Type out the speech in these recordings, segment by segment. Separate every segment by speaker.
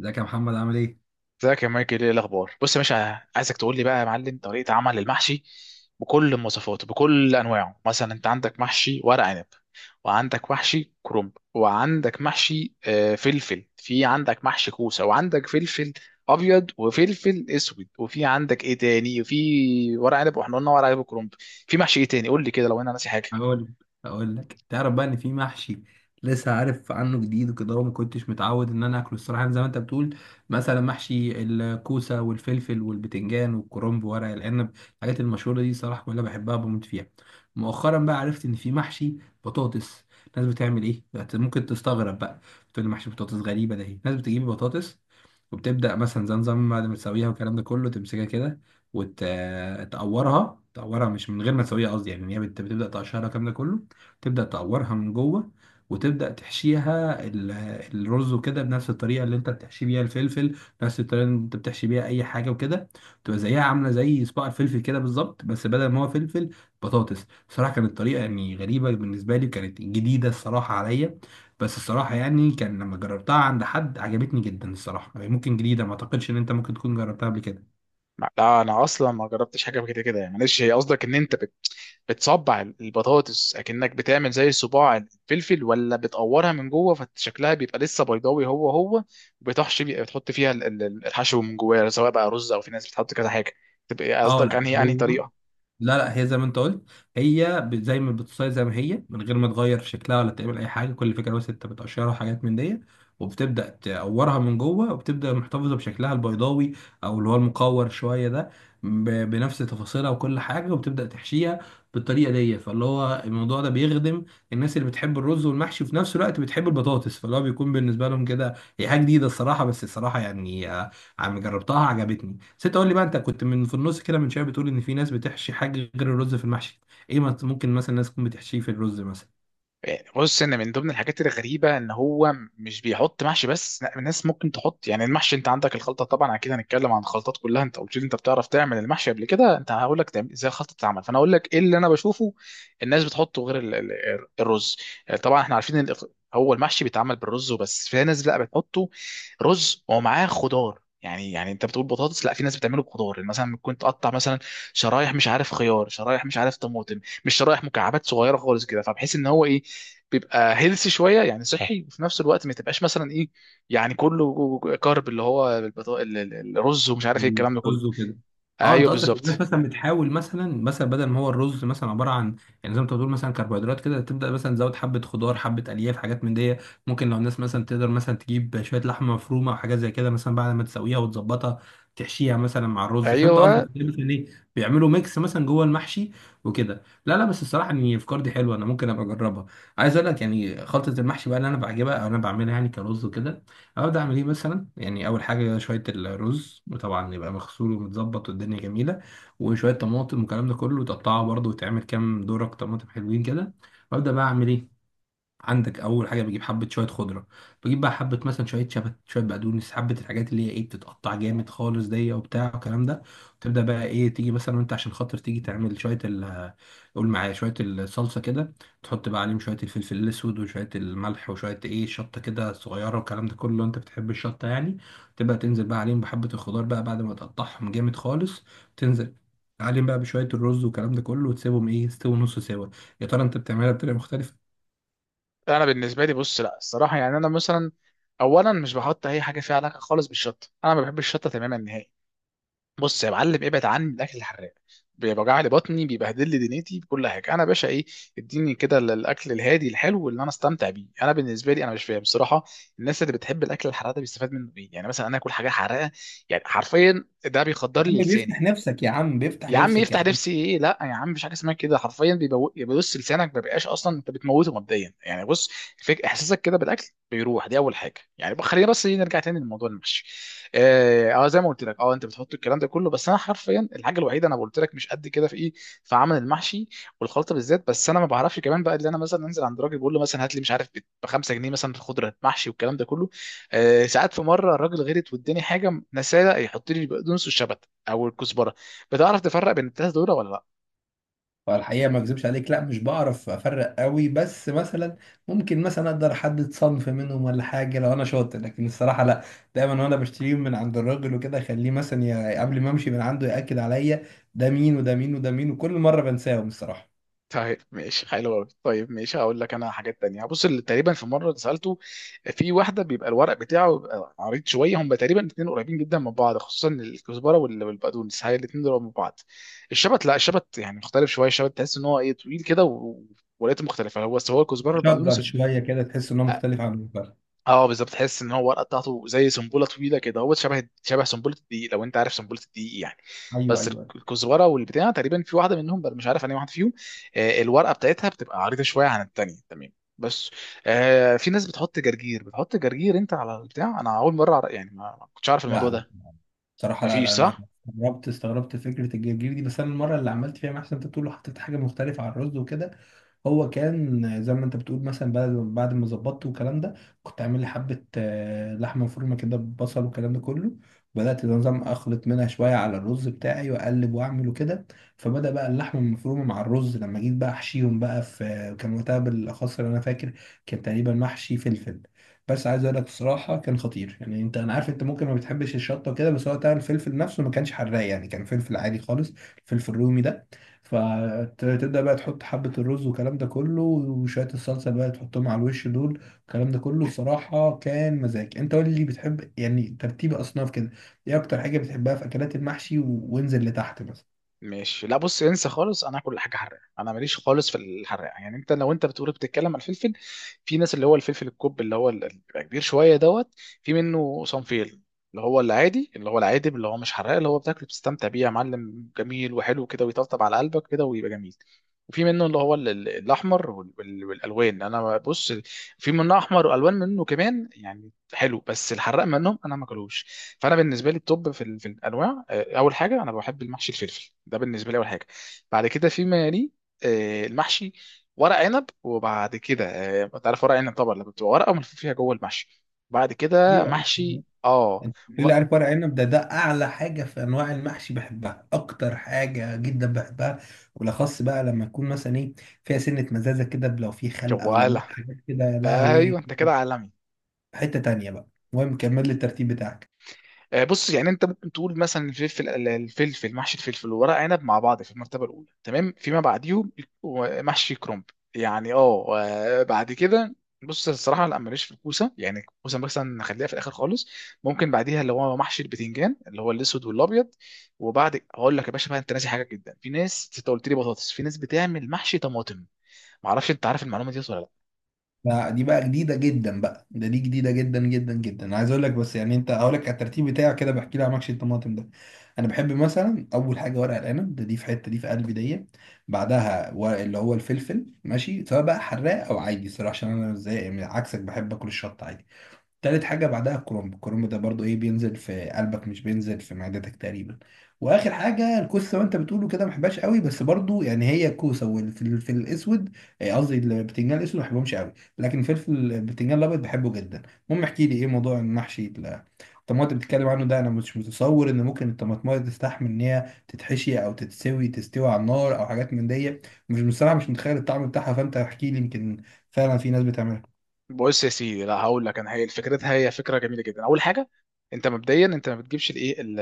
Speaker 1: ازيك يا محمد عامل ايه؟
Speaker 2: ازيك يا مايكل؟ ايه الاخبار؟ بص يا باشا، عايزك تقول لي بقى يا معلم طريقه عمل المحشي بكل مواصفاته، بكل انواعه. مثلا انت عندك محشي ورق عنب، وعندك محشي كرنب، وعندك محشي فلفل، في عندك محشي كوسه، وعندك فلفل ابيض وفلفل اسود، وفي عندك ايه تاني؟ وفي ورق عنب، واحنا قلنا ورق عنب وكرنب. في محشي ايه تاني؟ قول لي كده لو انا ناسي حاجه.
Speaker 1: هقول هقول لك. تعرف بقى ان في محشي لسه عارف عنه جديد وكده، وما كنتش متعود ان انا اكله الصراحه، يعني زي ما انت بتقول مثلا محشي الكوسه والفلفل والبتنجان والكرنب وورق العنب. الحاجات المشهوره دي صراحه كلها بحبها وبموت فيها. مؤخرا بقى عرفت ان في محشي بطاطس. الناس بتعمل ايه، ممكن تستغرب بقى. بتقول لي محشي بطاطس، غريبه ده، ايه الناس بتجيب بطاطس وبتبدا مثلا زي نظام بعد ما تسويها والكلام ده كله، تمسكها كده وتقورها تقورها، مش من غير ما تسويها قصدي، يعني إن هي بتبدا تقشرها الكلام ده كله، تبدا تقورها من جوه وتبدا تحشيها الرز وكده بنفس الطريقه اللي انت بتحشي بيها الفلفل، نفس الطريقه اللي انت بتحشي بيها اي حاجه وكده، تبقى زيها عامله زي صباع الفلفل كده بالظبط، بس بدل ما هو فلفل بطاطس. صراحه كانت الطريقه يعني غريبه بالنسبه لي وكانت جديده الصراحه عليا، بس الصراحه يعني كان لما جربتها عند حد عجبتني جدا الصراحه، يعني ممكن جديده. ما اعتقدش ان انت ممكن تكون جربتها قبل كده.
Speaker 2: لا انا اصلا ما جربتش حاجه كده كده يعني. معلش، هي قصدك ان انت بتصبع البطاطس اكنك بتعمل زي صباع الفلفل، ولا بتقورها من جوه فشكلها بيبقى لسه بيضاوي هو هو؟ وبتحشي بتحط فيها الحشو من جواها، سواء بقى رز او في ناس بتحط كذا حاجه. تبقى
Speaker 1: اه،
Speaker 2: قصدك
Speaker 1: لا
Speaker 2: انهي
Speaker 1: هو،
Speaker 2: طريقه؟
Speaker 1: لا لا، هي زي ما انت قلت. هي زي ما بتصير، زي ما هي من غير ما تغير شكلها ولا تعمل اي حاجه، كل فكره بس انت بتقشرها وحاجات من دي، وبتبدا تقورها من جوه وبتبدا محتفظه بشكلها البيضاوي او اللي هو المقور شويه ده، بنفس تفاصيلها وكل حاجه، وبتبدا تحشيها بالطريقه دي. فاللي هو الموضوع ده بيخدم الناس اللي بتحب الرز والمحشي وفي نفس الوقت بتحب البطاطس، فاللي هو بيكون بالنسبه لهم كده. هي حاجه جديده الصراحه، بس الصراحه يعني عم جربتها عجبتني. بس انت قول لي بقى، انت كنت من في النص كده من شويه بتقول ان في ناس بتحشي حاجه غير الرز في المحشي. ايه، ممكن مثلا ناس تكون بتحشيه في الرز مثلا
Speaker 2: بص، ان من ضمن الحاجات الغريبه ان هو مش بيحط محشي بس، لا، الناس ممكن تحط يعني المحشي. انت عندك الخلطه طبعا، اكيد هنتكلم عن الخلطات كلها. انت قلت لي انت بتعرف تعمل المحشي قبل كده، انت هقول لك تعمل ازاي الخلطه بتتعمل، فانا اقول لك ايه اللي انا بشوفه. الناس بتحطه غير الرز. طبعا احنا عارفين ان هو المحشي بيتعمل بالرز وبس. في ناس لا بتحطه رز ومعاه خضار يعني انت بتقول بطاطس، لا، في ناس بتعمله بخضار. يعني مثلا ممكن تقطع مثلا شرايح، مش عارف، خيار شرايح، مش عارف، طماطم. مش شرايح، مكعبات صغيره خالص كده، فبحيث ان هو ايه، بيبقى هيلثي شويه يعني صحي. وفي نفس الوقت ما تبقاش مثلا ايه، يعني كله كارب اللي هو الرز، ومش عارف ايه الكلام ده كله.
Speaker 1: رز وكده. اه، انت
Speaker 2: ايوه
Speaker 1: قصدك الناس
Speaker 2: بالظبط.
Speaker 1: مثلا بتحاول مثلا، بدل ما هو الرز مثلا عباره عن، يعني زي ما انت بتقول مثلا كربوهيدرات كده، تبدا مثلا تزود حبه خضار حبه الياف حاجات من دي. ممكن لو الناس مثلا تقدر مثلا تجيب شويه لحمه مفرومه او حاجات زي كده، مثلا بعد ما تسويها وتظبطها تحشيها مثلا مع الرز. فهمت
Speaker 2: ايوه
Speaker 1: قصدك، ده مثلا ايه بيعملوا ميكس مثلا جوه المحشي وكده. لا لا، بس الصراحه ان الافكار دي حلوه، انا ممكن ابقى اجربها. عايز اقول لك يعني خلطه المحشي بقى اللي انا بعجبها او انا بعملها، يعني كرز وكده. أبدأ أعمل إيه مثلا؟ يعني أول حاجة شوية الرز، وطبعا يبقى مغسول ومتظبط والدنيا جميلة، وشوية طماطم والكلام ده كله، وتقطعه برضه وتعمل كام دورك طماطم حلوين كده. وأبدأ بقى أعمل إيه؟ عندك اول حاجه بجيب حبه شويه خضره. بجيب بقى حبه مثلا شويه شبت شويه بقدونس، حبه الحاجات اللي هي ايه بتتقطع جامد خالص دي وبتاع والكلام ده. تبدا بقى ايه، تيجي مثلا انت عشان خاطر تيجي تعمل شويه ال، قول معايا شويه الصلصه كده. تحط بقى عليهم شويه الفلفل الاسود وشويه الملح وشويه ايه شطه كده صغيره والكلام ده كله، لو انت بتحب الشطه يعني. تبدا تنزل بقى عليهم بحبه الخضار بقى بعد ما تقطعهم جامد خالص، تنزل عليهم بقى بشويه الرز والكلام ده كله، وتسيبهم ايه يستووا نص سوا. يا ترى انت بتعملها بطريقه مختلفه؟
Speaker 2: انا بالنسبه لي بص، لا، الصراحه يعني انا مثلا اولا مش بحط اي حاجه فيها علاقه خالص بالشطه. انا ما بحبش الشطه تماما نهائي. بص يا معلم، ابعد عني من الاكل الحراق. بيوجع لي بطني، بيبهدل لي دنيتي بكل حاجه. انا يا باشا ايه، اديني كده الاكل الهادي الحلو اللي انا استمتع بيه. انا بالنسبه لي انا مش فاهم بصراحه الناس اللي بتحب الاكل الحراق ده بيستفاد منه ايه. يعني مثلا انا اكل حاجه حراقه، يعني حرفيا ده بيخدر
Speaker 1: عم
Speaker 2: لي لساني.
Speaker 1: بيفتح نفسك يا عم، بيفتح
Speaker 2: يا عم
Speaker 1: نفسك يا
Speaker 2: يفتح
Speaker 1: عم.
Speaker 2: نفسي ايه، لا يا عم مش حاجه اسمها كده. حرفيا بص، لسانك ما بيبقاش اصلا، انت بتموته مبدئيا. يعني بص، فيك احساسك كده بالاكل بيروح، دي اول حاجه. يعني بقى خلينا بس إيه نرجع تاني لموضوع المحشي. اه زي ما قلت لك، اه، انت بتحط الكلام ده كله. بس انا حرفيا الحاجه الوحيده انا قلت لك، مش قد كده في ايه في عمل المحشي والخلطه بالذات. بس انا ما بعرفش كمان بقى. اللي انا مثلا انزل عند راجل، بقول له مثلا هات لي، مش عارف، ب 5 جنيه مثلا خضره محشي والكلام ده كله. آه، ساعات في مره الراجل غيرت واداني حاجه، نساله يحط لي البقدونس والشبت او الكزبره. بتعرف تفرق بين التلاتة دول ولا لا؟
Speaker 1: فالحقيقة ما اكذبش عليك، لا مش بعرف افرق قوي، بس مثلا ممكن مثلا اقدر احدد صنف منهم ولا حاجة لو انا شاطر، لكن الصراحة لا. دايما وانا بشتريهم من عند الراجل وكده اخليه مثلا، قبل ما امشي من عنده يأكد عليا ده مين وده مين وده مين، وكل مرة بنساهم الصراحة.
Speaker 2: طيب ماشي، حلو قوي. طيب ماشي، هقول لك انا حاجات تانية. بص، اللي تقريبا في مرة سألته، في واحدة بيبقى الورق بتاعه بيبقى عريض شوية. هم تقريبا الاتنين قريبين جدا من بعض، خصوصا الكزبرة والبقدونس، هاي الاتنين دول من بعض. الشبت لا، الشبت يعني مختلف شوية. الشبت تحس ان هو ايه، طويل كده ولاته مختلفة. هو بس هو الكزبرة والبقدونس.
Speaker 1: شجر شوية كده تحس انه مختلف عن المختلف.
Speaker 2: اه بالظبط، تحس ان هو الورقه بتاعته زي سنبوله طويله كده، هو شبه سنبوله الدقيق، لو انت عارف سنبوله الدقيق يعني.
Speaker 1: ايوه
Speaker 2: بس
Speaker 1: ايوه.
Speaker 2: الكزبره والبتاع تقريبا في واحده منهم، بل مش عارف انا واحده فيهم، الورقه بتاعتها بتبقى عريضه شويه عن التانيه تمام. بس آه، في ناس بتحط جرجير. بتحط جرجير انت على البتاع؟ انا اول مره يعني ما كنتش عارف الموضوع
Speaker 1: لا لا،
Speaker 2: ده.
Speaker 1: بصراحة لا،
Speaker 2: مفيش
Speaker 1: لا أنا
Speaker 2: صح.
Speaker 1: استغربت استغربت فكرة الجرجير دي. بس أنا المرة اللي عملت فيها محسن أنت بتقول له حطيت حاجة مختلفة على الرز وكده، هو كان زي ما أنت بتقول مثلا، بعد ما ظبطت والكلام ده، كنت عامل لي حبة لحمة مفرومة كده ببصل والكلام ده كله. بدأت النظام أخلط منها شوية على الرز بتاعي وأقلب وأعمل وكده، فبدأ بقى اللحمة المفرومة مع الرز. لما جيت بقى أحشيهم بقى، في كان وقتها بالأخص اللي أنا فاكر كان تقريبا محشي فلفل. بس عايز اقول لك بصراحه كان خطير، يعني انت، انا عارف انت ممكن ما بتحبش الشطه وكده، بس هو بتاع الفلفل نفسه ما كانش حراق، يعني كان فلفل عادي خالص، الفلفل الرومي ده. فتبدا بقى تحط حبه الرز والكلام ده كله وشويه الصلصه بقى تحطهم على الوش دول الكلام ده كله، بصراحه كان مزاج. انت قول لي بتحب يعني ترتيب اصناف كده، ايه اكتر حاجه بتحبها في اكلات المحشي، وانزل لتحت مثلا؟
Speaker 2: ماشي. لا بص، انسى خالص، انا اكل حاجه حراقه، انا ماليش خالص في الحراقه. يعني انت لو انت بتقول بتتكلم على الفلفل، في ناس اللي هو الفلفل الكوب اللي هو اللي بيبقى كبير شويه دوت. في منه صنفين، اللي هو العادي، اللي هو العادي اللي هو مش حراق، اللي هو بتاكله بتستمتع بيه يا معلم، جميل وحلو كده، ويطبطب على قلبك كده ويبقى جميل. وفي منه اللي هو الاحمر والالوان. انا بص، في منه احمر والوان منه كمان يعني حلو، بس الحراق منهم انا ما اكلوش. فانا بالنسبه لي التوب في الانواع. اول حاجه انا بحب المحشي الفلفل، ده بالنسبه لي اول حاجه. بعد كده فيما يليه، المحشي ورق عنب. وبعد كده، انت عارف ورق عنب طبعا لما بتبقى ورقه ملفوف فيها جوه المحشي. بعد
Speaker 1: دي
Speaker 2: كده
Speaker 1: بقى،
Speaker 2: محشي اه.
Speaker 1: انت بتقولي
Speaker 2: وبقى
Speaker 1: عارف ورق عنب ده، اعلى حاجه في انواع المحشي بحبها، اكتر حاجه جدا بحبها. وبالاخص بقى لما يكون مثلا ايه فيها سنه مزازه كده، لو في خل او ليمون
Speaker 2: جواله.
Speaker 1: حاجات كده، يا
Speaker 2: ايوه،
Speaker 1: لهوي.
Speaker 2: انت كده عالمي.
Speaker 1: حته تانية بقى. المهم كمل لي الترتيب بتاعك.
Speaker 2: بص، يعني انت ممكن تقول مثلا الفلفل، الفلفل، محشي الفلفل وورق عنب مع بعض في المرتبه الاولى تمام. فيما بعديهم محشي كرنب يعني اه. بعد كده بص، الصراحه لا ماليش في الكوسه، يعني الكوسه مثلا نخليها في الاخر خالص. ممكن بعديها اللي هو محشي البتنجان اللي هو الاسود والابيض. وبعد هقول لك يا باشا بقى، انت ناسي حاجه جدا. في ناس انت قلت لي بطاطس، في ناس بتعمل محشي طماطم. معرفش انت عارف المعلومه دي ولا لا.
Speaker 1: لا، دي بقى جديدة جدا بقى، دي جديدة جدا جدا جدا. انا عايز اقول لك بس يعني، انت هقول لك على الترتيب بتاعي كده، بحكي لك على محشي الطماطم ده. انا بحب مثلا اول حاجة ورق العنب ده، دي في حتة دي في قلبي دي. بعدها ورق اللي هو الفلفل، ماشي سواء بقى حراق او عادي صراحة، عشان انا زي يعني عكسك بحب اكل الشطة عادي. تالت حاجة بعدها الكرنب، الكرنب ده برضو ايه بينزل في قلبك مش بينزل في معدتك تقريبا. واخر حاجة الكوسة، وانت بتقوله كده ما بحبهاش قوي، بس برضو يعني هي كوسة، والفلفل في الاسود، قصدي البتنجان الاسود ما بحبهمش قوي، لكن الفلفل البتنجان الابيض بحبه جدا. المهم احكي لي ايه موضوع المحشي الطماطم اللي بتتكلم عنه ده. انا مش متصور ان ممكن الطماطمايه تستحمل ان هي تتحشي او تتسوي تستوي على النار او حاجات من دي. مش بصراحة مش متخيل الطعم بتاعها، فانت احكي لي يمكن فعلا في ناس بتعملها.
Speaker 2: بص يا سيدي، لا هقول لك انا، هي فكرتها هي فكره جميله جدا. اول حاجه انت مبدئيا انت ما بتجيبش الايه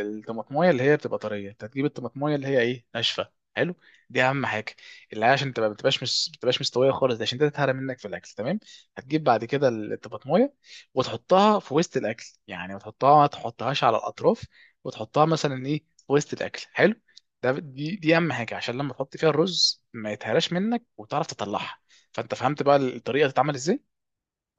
Speaker 2: الطماطمايه اللي هي بتبقى طريه، انت هتجيب الطماطمايه اللي هي ايه ناشفه، حلو. دي اهم حاجه، اللي هي عشان تبقى ما تبقاش مستويه خالص، دي عشان ده تتهرى منك في الاكل تمام. هتجيب بعد كده الطماطمايه وتحطها في وسط الاكل، يعني ما تحطهاش على الاطراف، وتحطها مثلا ايه في وسط الاكل، حلو. ده دي دي اهم حاجه عشان لما تحط فيها الرز ما يتهراش منك وتعرف تطلعها. فانت فهمت بقى الطريقه تتعمل ازاي.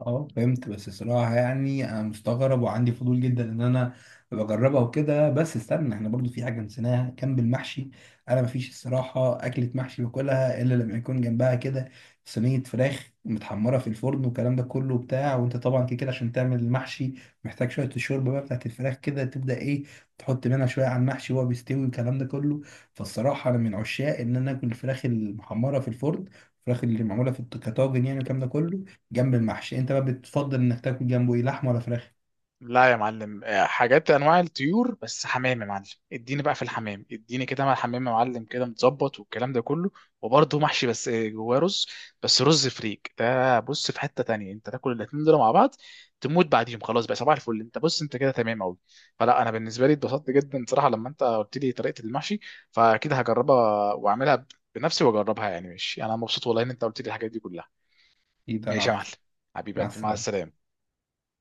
Speaker 1: اه فهمت. بس الصراحة يعني انا مستغرب وعندي فضول جدا ان انا بجربها وكده. بس استنى، احنا برضو في حاجة نسيناها جنب المحشي. انا مفيش الصراحة اكلة محشي باكلها الا لما يكون جنبها كده صينية فراخ متحمرة في الفرن والكلام ده كله وبتاع. وانت طبعا كده كده عشان تعمل المحشي محتاج شوية الشوربة بقى بتاعت الفراخ كده، تبدأ ايه تحط منها شوية على المحشي وهو بيستوي والكلام ده كله. فالصراحة انا من عشاق ان انا اكل الفراخ المحمرة في الفرن، الفراخ اللي معمولة في كطاجن يعني والكلام ده كله، جنب المحشي. انت بقى بتفضل انك تاكل جنبه ايه، لحمه ولا فراخ؟
Speaker 2: لا يا معلم، حاجات انواع الطيور بس حمام يا معلم. اديني بقى في الحمام، اديني كده مع الحمام يا معلم، كده متظبط والكلام ده كله. وبرضه محشي، بس جواه رز. بس رز فريك ده بص، في حته تانية. انت تاكل الاتنين دول مع بعض تموت بعديهم، خلاص بقى صباح الفل. انت بص، انت كده تمام قوي. فلا انا بالنسبه لي اتبسطت جدا صراحه لما انت قلت لي طريقه المحشي، فاكيد هجربها واعملها بنفسي واجربها يعني. ماشي، انا مبسوط والله ان انت قلت لي الحاجات دي كلها.
Speaker 1: ايه ده، انا
Speaker 2: ماشي يا معلم،
Speaker 1: عطس.
Speaker 2: حبيب
Speaker 1: مع
Speaker 2: قلبي، مع
Speaker 1: السلامه.
Speaker 2: السلامه.